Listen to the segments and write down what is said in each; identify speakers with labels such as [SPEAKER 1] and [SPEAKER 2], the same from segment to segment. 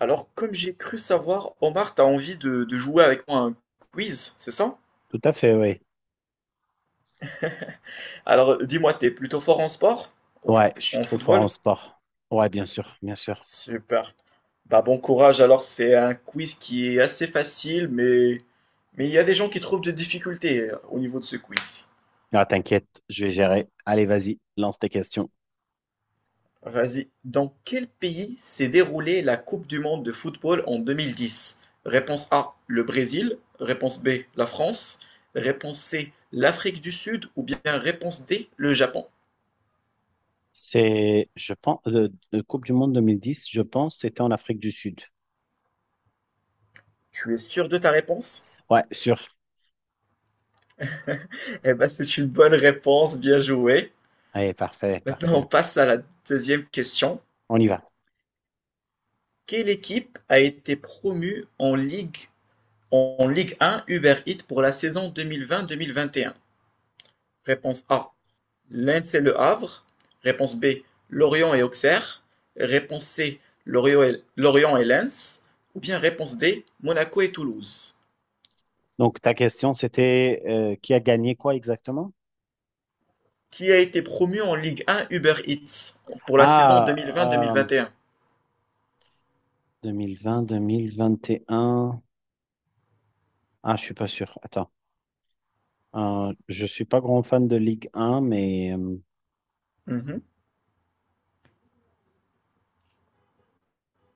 [SPEAKER 1] Alors, comme j'ai cru savoir, Omar, t'as envie de jouer avec moi à un quiz, c'est ça?
[SPEAKER 2] Tout à fait, oui.
[SPEAKER 1] Alors, dis-moi, t'es plutôt fort en sport? En, f-
[SPEAKER 2] Ouais, je suis
[SPEAKER 1] en
[SPEAKER 2] trop fort en
[SPEAKER 1] football?
[SPEAKER 2] sport. Ouais, bien sûr, bien sûr.
[SPEAKER 1] Super. Bah, bon courage. Alors, c'est un quiz qui est assez facile, mais il y a des gens qui trouvent des difficultés au niveau de ce quiz.
[SPEAKER 2] Ah, t'inquiète, je vais gérer. Allez, vas-y, lance tes questions.
[SPEAKER 1] Vas-y. Dans quel pays s'est déroulée la Coupe du monde de football en 2010? Réponse A, le Brésil. Réponse B, la France. Réponse C, l'Afrique du Sud. Ou bien réponse D, le Japon.
[SPEAKER 2] C'est, je pense, le Coupe du Monde 2010, je pense, c'était en Afrique du Sud.
[SPEAKER 1] Tu es sûr de ta réponse?
[SPEAKER 2] Ouais, sûr.
[SPEAKER 1] Eh ben, c'est une bonne réponse, bien joué.
[SPEAKER 2] Allez, parfait,
[SPEAKER 1] Maintenant, on
[SPEAKER 2] parfait.
[SPEAKER 1] passe à la deuxième question.
[SPEAKER 2] On y va.
[SPEAKER 1] Quelle équipe a été promue en Ligue 1 Uber Eats pour la saison 2020-2021? Réponse A. Lens et Le Havre. Réponse B. Lorient et Auxerre. Réponse C. Lorient et Lens. Ou bien réponse D. Monaco et Toulouse.
[SPEAKER 2] Donc, ta question, c'était qui a gagné quoi exactement?
[SPEAKER 1] Qui a été promu en Ligue 1 Uber Eats pour la saison
[SPEAKER 2] Ah,
[SPEAKER 1] 2020-2021?
[SPEAKER 2] 2020, 2021. Ah, je suis pas sûr. Attends. Je suis pas grand fan de Ligue 1, mais
[SPEAKER 1] Mhm.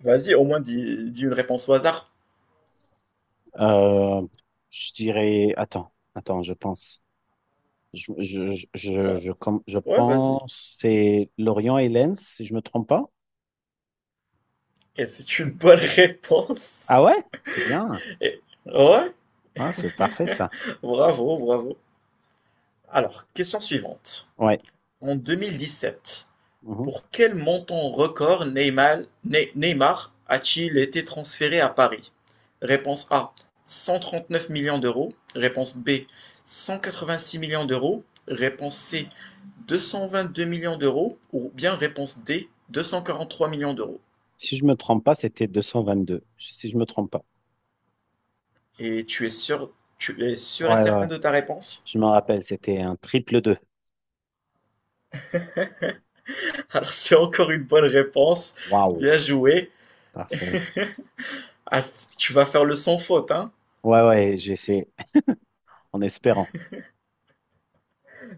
[SPEAKER 1] Vas-y, au moins dis, dis une réponse au hasard.
[SPEAKER 2] Euh, je dirais, attends, attends, je pense. Je, je, je, je,
[SPEAKER 1] Ouais,
[SPEAKER 2] je com- je
[SPEAKER 1] ouais, vas-y.
[SPEAKER 2] pense c'est Lorient et Lens, si je me trompe pas.
[SPEAKER 1] Et c'est une bonne réponse.
[SPEAKER 2] Ah ouais? C'est bien.
[SPEAKER 1] Et- ouais,
[SPEAKER 2] Ah, c'est parfait ça.
[SPEAKER 1] bravo, bravo. Alors, question suivante.
[SPEAKER 2] Ouais.
[SPEAKER 1] En 2017.
[SPEAKER 2] Mhm.
[SPEAKER 1] Pour quel montant record Neymar a-t-il été transféré à Paris? Réponse A 139 millions d'euros. Réponse B 186 millions d'euros. Réponse C 222 millions d'euros. Ou bien réponse D 243 millions d'euros.
[SPEAKER 2] Si je me trompe pas, c'était 222. Si je me trompe pas.
[SPEAKER 1] Et tu es sûr et
[SPEAKER 2] Ouais, ouais, ouais.
[SPEAKER 1] certain de ta réponse?
[SPEAKER 2] Je me rappelle, c'était un triple deux.
[SPEAKER 1] Alors c'est encore une bonne réponse.
[SPEAKER 2] Waouh.
[SPEAKER 1] Bien joué.
[SPEAKER 2] Parfait.
[SPEAKER 1] Ah, tu vas faire le sans faute, hein?
[SPEAKER 2] Ouais, ouais, j'essaie en espérant.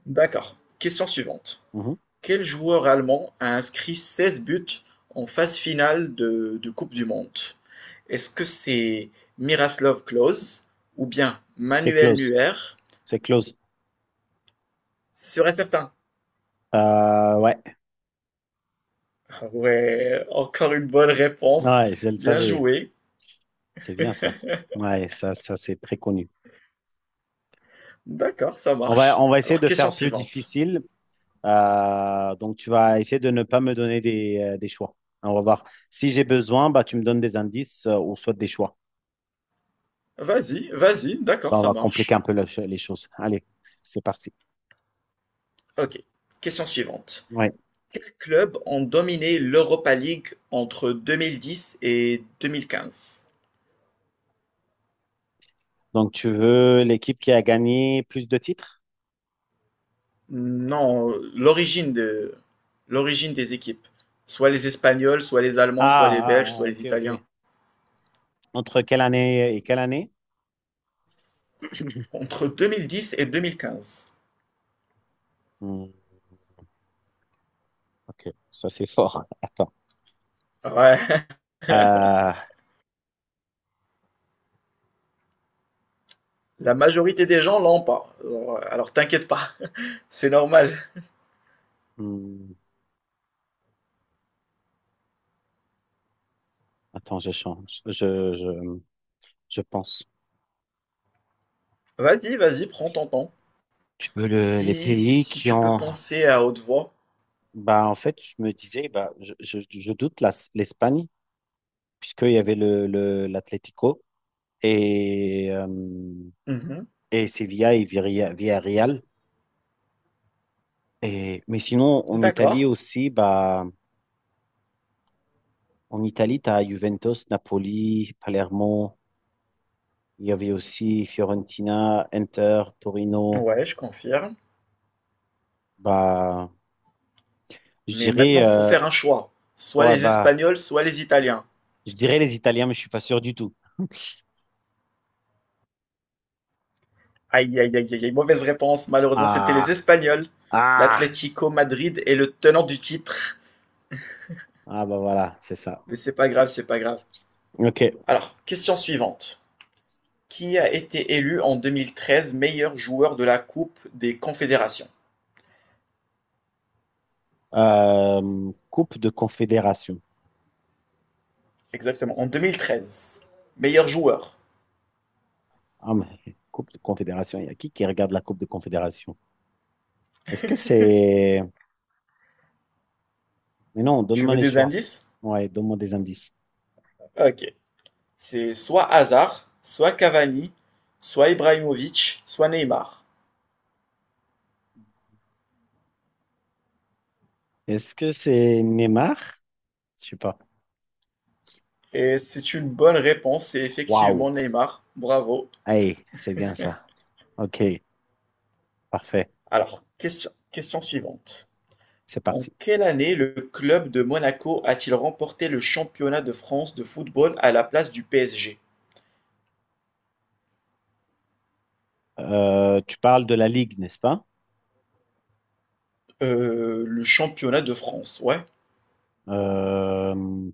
[SPEAKER 1] D'accord. Question suivante.
[SPEAKER 2] Mhm.
[SPEAKER 1] Quel joueur allemand a inscrit 16 buts en phase finale de Coupe du monde? Est-ce que c'est Miroslav Klose ou bien
[SPEAKER 2] C'est
[SPEAKER 1] Manuel
[SPEAKER 2] close.
[SPEAKER 1] Neuer?
[SPEAKER 2] C'est close.
[SPEAKER 1] Sûr et certain.
[SPEAKER 2] Ouais.
[SPEAKER 1] Ah ouais, encore une bonne réponse.
[SPEAKER 2] Ouais, je le
[SPEAKER 1] Bien
[SPEAKER 2] savais.
[SPEAKER 1] joué.
[SPEAKER 2] C'est bien ça. Ouais, ça c'est très connu.
[SPEAKER 1] D'accord, ça
[SPEAKER 2] On va,
[SPEAKER 1] marche.
[SPEAKER 2] on va essayer
[SPEAKER 1] Alors,
[SPEAKER 2] de
[SPEAKER 1] question
[SPEAKER 2] faire plus
[SPEAKER 1] suivante.
[SPEAKER 2] difficile. Donc, tu vas essayer de ne pas me donner des choix. On va voir. Si j'ai besoin, bah, tu me donnes des indices ou soit des choix.
[SPEAKER 1] Vas-y, vas-y,
[SPEAKER 2] Ça,
[SPEAKER 1] d'accord,
[SPEAKER 2] on
[SPEAKER 1] ça
[SPEAKER 2] va compliquer
[SPEAKER 1] marche.
[SPEAKER 2] un peu la les choses. Allez, c'est parti.
[SPEAKER 1] Ok, question suivante.
[SPEAKER 2] Ouais.
[SPEAKER 1] Quels clubs ont dominé l'Europa League entre 2010 et 2015?
[SPEAKER 2] Donc, tu veux l'équipe qui a gagné plus de titres?
[SPEAKER 1] Non, l'origine de l'origine des équipes. Soit les Espagnols, soit les Allemands, soit les
[SPEAKER 2] Ah, ah,
[SPEAKER 1] Belges,
[SPEAKER 2] ah,
[SPEAKER 1] soit
[SPEAKER 2] ok,
[SPEAKER 1] les
[SPEAKER 2] ok.
[SPEAKER 1] Italiens.
[SPEAKER 2] Entre quelle année et quelle année?
[SPEAKER 1] Entre 2010 et 2015.
[SPEAKER 2] Hmm, ok, ça c'est fort. Attends.
[SPEAKER 1] Ouais,
[SPEAKER 2] Euh,
[SPEAKER 1] la majorité des gens l'ont pas. Alors t'inquiète pas, c'est normal.
[SPEAKER 2] hmm, attends, je change. Je, je pense.
[SPEAKER 1] Vas-y, vas-y, prends ton temps.
[SPEAKER 2] Tu veux le- les
[SPEAKER 1] Si,
[SPEAKER 2] pays
[SPEAKER 1] si
[SPEAKER 2] qui
[SPEAKER 1] tu peux
[SPEAKER 2] ont
[SPEAKER 1] penser à haute voix.
[SPEAKER 2] Bah, en fait, je me disais, bah, je doute l'Espagne, puisqu'il y avait l'Atlético et, euh,
[SPEAKER 1] Mhm.
[SPEAKER 2] et Sevilla et Villarreal. Et, mais sinon, en
[SPEAKER 1] D'accord.
[SPEAKER 2] Italie aussi, bah, en Italie, tu as Juventus, Napoli, Palermo. Il y avait aussi Fiorentina, Inter, Torino.
[SPEAKER 1] Ouais, je confirme.
[SPEAKER 2] Bah, je
[SPEAKER 1] Mais
[SPEAKER 2] dirais,
[SPEAKER 1] maintenant, faut faire un choix. Soit
[SPEAKER 2] ouais,
[SPEAKER 1] les
[SPEAKER 2] bah,
[SPEAKER 1] Espagnols, soit les Italiens.
[SPEAKER 2] je dirais les Italiens, mais je suis pas sûr du tout.
[SPEAKER 1] Aïe, aïe, aïe, aïe, aïe. Mauvaise réponse. Malheureusement, c'était
[SPEAKER 2] Ah,
[SPEAKER 1] les Espagnols.
[SPEAKER 2] ah,
[SPEAKER 1] L'Atlético Madrid est le tenant du titre.
[SPEAKER 2] ah, bah voilà, c'est ça.
[SPEAKER 1] Mais c'est pas grave, c'est pas grave.
[SPEAKER 2] Ok.
[SPEAKER 1] Alors, question suivante. Qui a été élu en 2013 meilleur joueur de la Coupe des Confédérations?
[SPEAKER 2] Coupe de Confédération.
[SPEAKER 1] Exactement, en 2013. Meilleur joueur.
[SPEAKER 2] Ah, mais Coupe de Confédération, il y a qui regarde la Coupe de Confédération? Est-ce que c'est... Mais non,
[SPEAKER 1] Tu
[SPEAKER 2] donne-moi
[SPEAKER 1] veux
[SPEAKER 2] les
[SPEAKER 1] des
[SPEAKER 2] choix.
[SPEAKER 1] indices?
[SPEAKER 2] Ouais, donne-moi des indices.
[SPEAKER 1] Ok. C'est soit Hazard, soit Cavani, soit Ibrahimovic, soit Neymar.
[SPEAKER 2] Est-ce que c'est Neymar? Je sais pas.
[SPEAKER 1] Et c'est une bonne réponse, c'est
[SPEAKER 2] Waouh!
[SPEAKER 1] effectivement Neymar. Bravo.
[SPEAKER 2] Hey, c'est bien ça. Ok, parfait.
[SPEAKER 1] Alors, question suivante.
[SPEAKER 2] C'est
[SPEAKER 1] En
[SPEAKER 2] parti.
[SPEAKER 1] quelle année le club de Monaco a-t-il remporté le championnat de France de football à la place du PSG?
[SPEAKER 2] Tu parles de la Ligue, n'est-ce pas?
[SPEAKER 1] Le championnat de France, ouais,
[SPEAKER 2] Euh,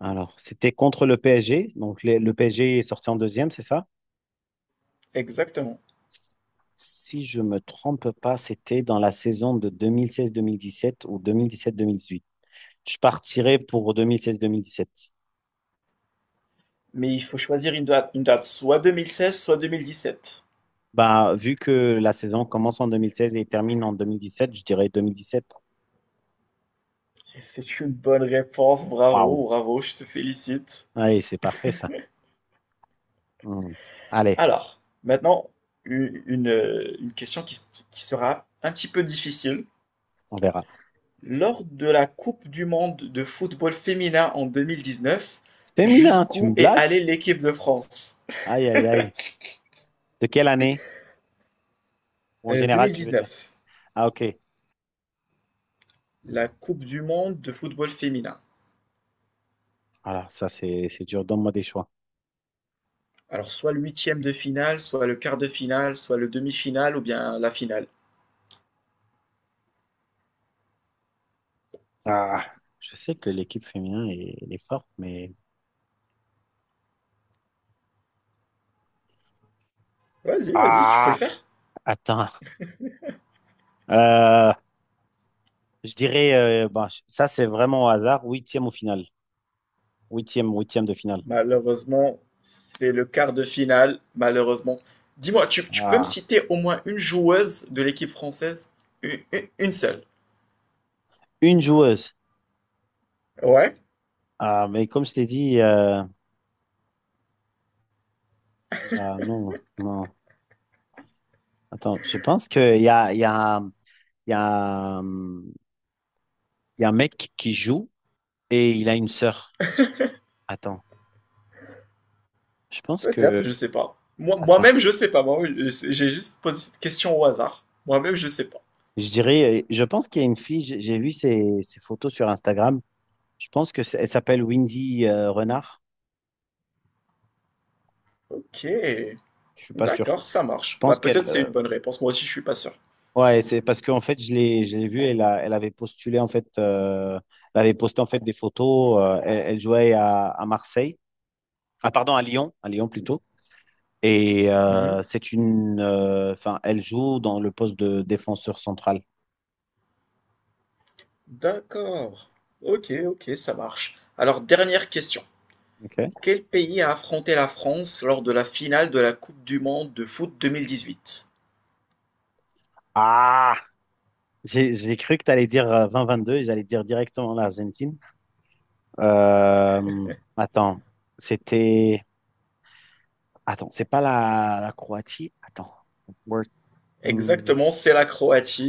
[SPEAKER 2] alors, c'était contre le PSG. Donc, le PSG est sorti en deuxième, c'est ça?
[SPEAKER 1] exactement.
[SPEAKER 2] Si je me trompe pas, c'était dans la saison de deux mille seize-deux mille seize dix sept ou 2017 huit. Je partirais pour deux mille seize-deux mille seize dix sept.
[SPEAKER 1] Mais il faut choisir une date, soit 2016, soit 2017.
[SPEAKER 2] Bah, vu que la saison commence en 2016 et termine en 2017, je dirais 2017.
[SPEAKER 1] Et c'est une bonne réponse,
[SPEAKER 2] Waouh.
[SPEAKER 1] bravo, bravo, je te félicite.
[SPEAKER 2] Allez, c'est parfait ça. Hmm. Allez,
[SPEAKER 1] Alors, maintenant, une question qui sera un petit peu difficile.
[SPEAKER 2] on verra.
[SPEAKER 1] Lors de la coupe du monde de football féminin en 2019,
[SPEAKER 2] Féminin, tu me
[SPEAKER 1] jusqu'où est
[SPEAKER 2] blagues?
[SPEAKER 1] allée l'équipe de France?
[SPEAKER 2] Aïe, aïe, aïe. De quelle année? En général, tu veux dire.
[SPEAKER 1] 2019,
[SPEAKER 2] Ah, ok.
[SPEAKER 1] la coupe du monde de football féminin.
[SPEAKER 2] Alors, ça, c'est dur. Donne-moi des choix.
[SPEAKER 1] Alors soit le huitième de finale, soit le quart de finale, soit le demi-finale ou bien la finale.
[SPEAKER 2] Ah, je sais que l'équipe féminin, elle est forte, mais...
[SPEAKER 1] Vas-y, vas-y, tu peux le
[SPEAKER 2] Ah,
[SPEAKER 1] faire.
[SPEAKER 2] attends. Euh, Je dirais, bah, ça c'est vraiment au hasard, huitième au final. Huitième, huitième de finale.
[SPEAKER 1] Malheureusement, c'est le quart de finale, malheureusement. Dis-moi, tu peux me
[SPEAKER 2] Ah.
[SPEAKER 1] citer au moins une joueuse de l'équipe française? Une seule.
[SPEAKER 2] Une joueuse.
[SPEAKER 1] Ouais.
[SPEAKER 2] Ah, mais comme je t'ai dit, bah, non, non. Attends, je pense qu'il y a, hum, il y a un mec qui joue et il a une sœur. Attends, je pense que,
[SPEAKER 1] Peut-être, je sais pas. Moi,
[SPEAKER 2] attends,
[SPEAKER 1] moi-même, je sais pas. Moi, je- j'ai juste posé cette question au hasard. Moi-même, je sais pas.
[SPEAKER 2] je dirais, je pense qu'il y a une fille, j'ai vu ses photos sur Instagram. Je pense que elle s'appelle Windy Renard.
[SPEAKER 1] Ok.
[SPEAKER 2] Je suis pas sûr.
[SPEAKER 1] D'accord, ça
[SPEAKER 2] Je
[SPEAKER 1] marche. Bah,
[SPEAKER 2] pense qu'elle,
[SPEAKER 1] peut-être c'est une bonne réponse. Moi aussi, je suis pas sûr.
[SPEAKER 2] ouais, c'est parce qu'en fait, je l'ai vue, elle avait postulé, en fait, elle avait posté, en fait, des photos, elle jouait à, Marseille, ah, pardon, à Lyon plutôt, et
[SPEAKER 1] Mhm.
[SPEAKER 2] c'est une, enfin, elle joue dans le poste de défenseur central.
[SPEAKER 1] D'accord. Ok, ok, ça marche. Alors, dernière question.
[SPEAKER 2] Ok.
[SPEAKER 1] Quel pays a affronté la France lors de la finale de la Coupe du Monde de foot 2018?
[SPEAKER 2] Ah, j'ai cru que tu allais dire 2022 et j'allais dire directement l'Argentine. Euh, attends, c'était, attends, c'est pas la Croatie? Attends, Word. Hmm.
[SPEAKER 1] Exactement, c'est la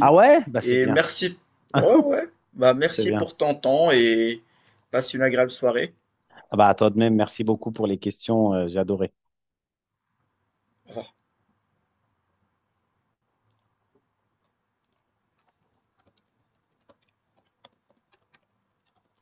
[SPEAKER 2] Ah ouais? Bah, c'est
[SPEAKER 1] Et
[SPEAKER 2] bien,
[SPEAKER 1] merci. Ouais, ouais. Bah,
[SPEAKER 2] c'est
[SPEAKER 1] merci
[SPEAKER 2] bien.
[SPEAKER 1] pour ton temps et passe une agréable soirée.
[SPEAKER 2] Ah bah, à toi de même, merci beaucoup pour les questions, j'ai adoré.
[SPEAKER 1] Au revoir.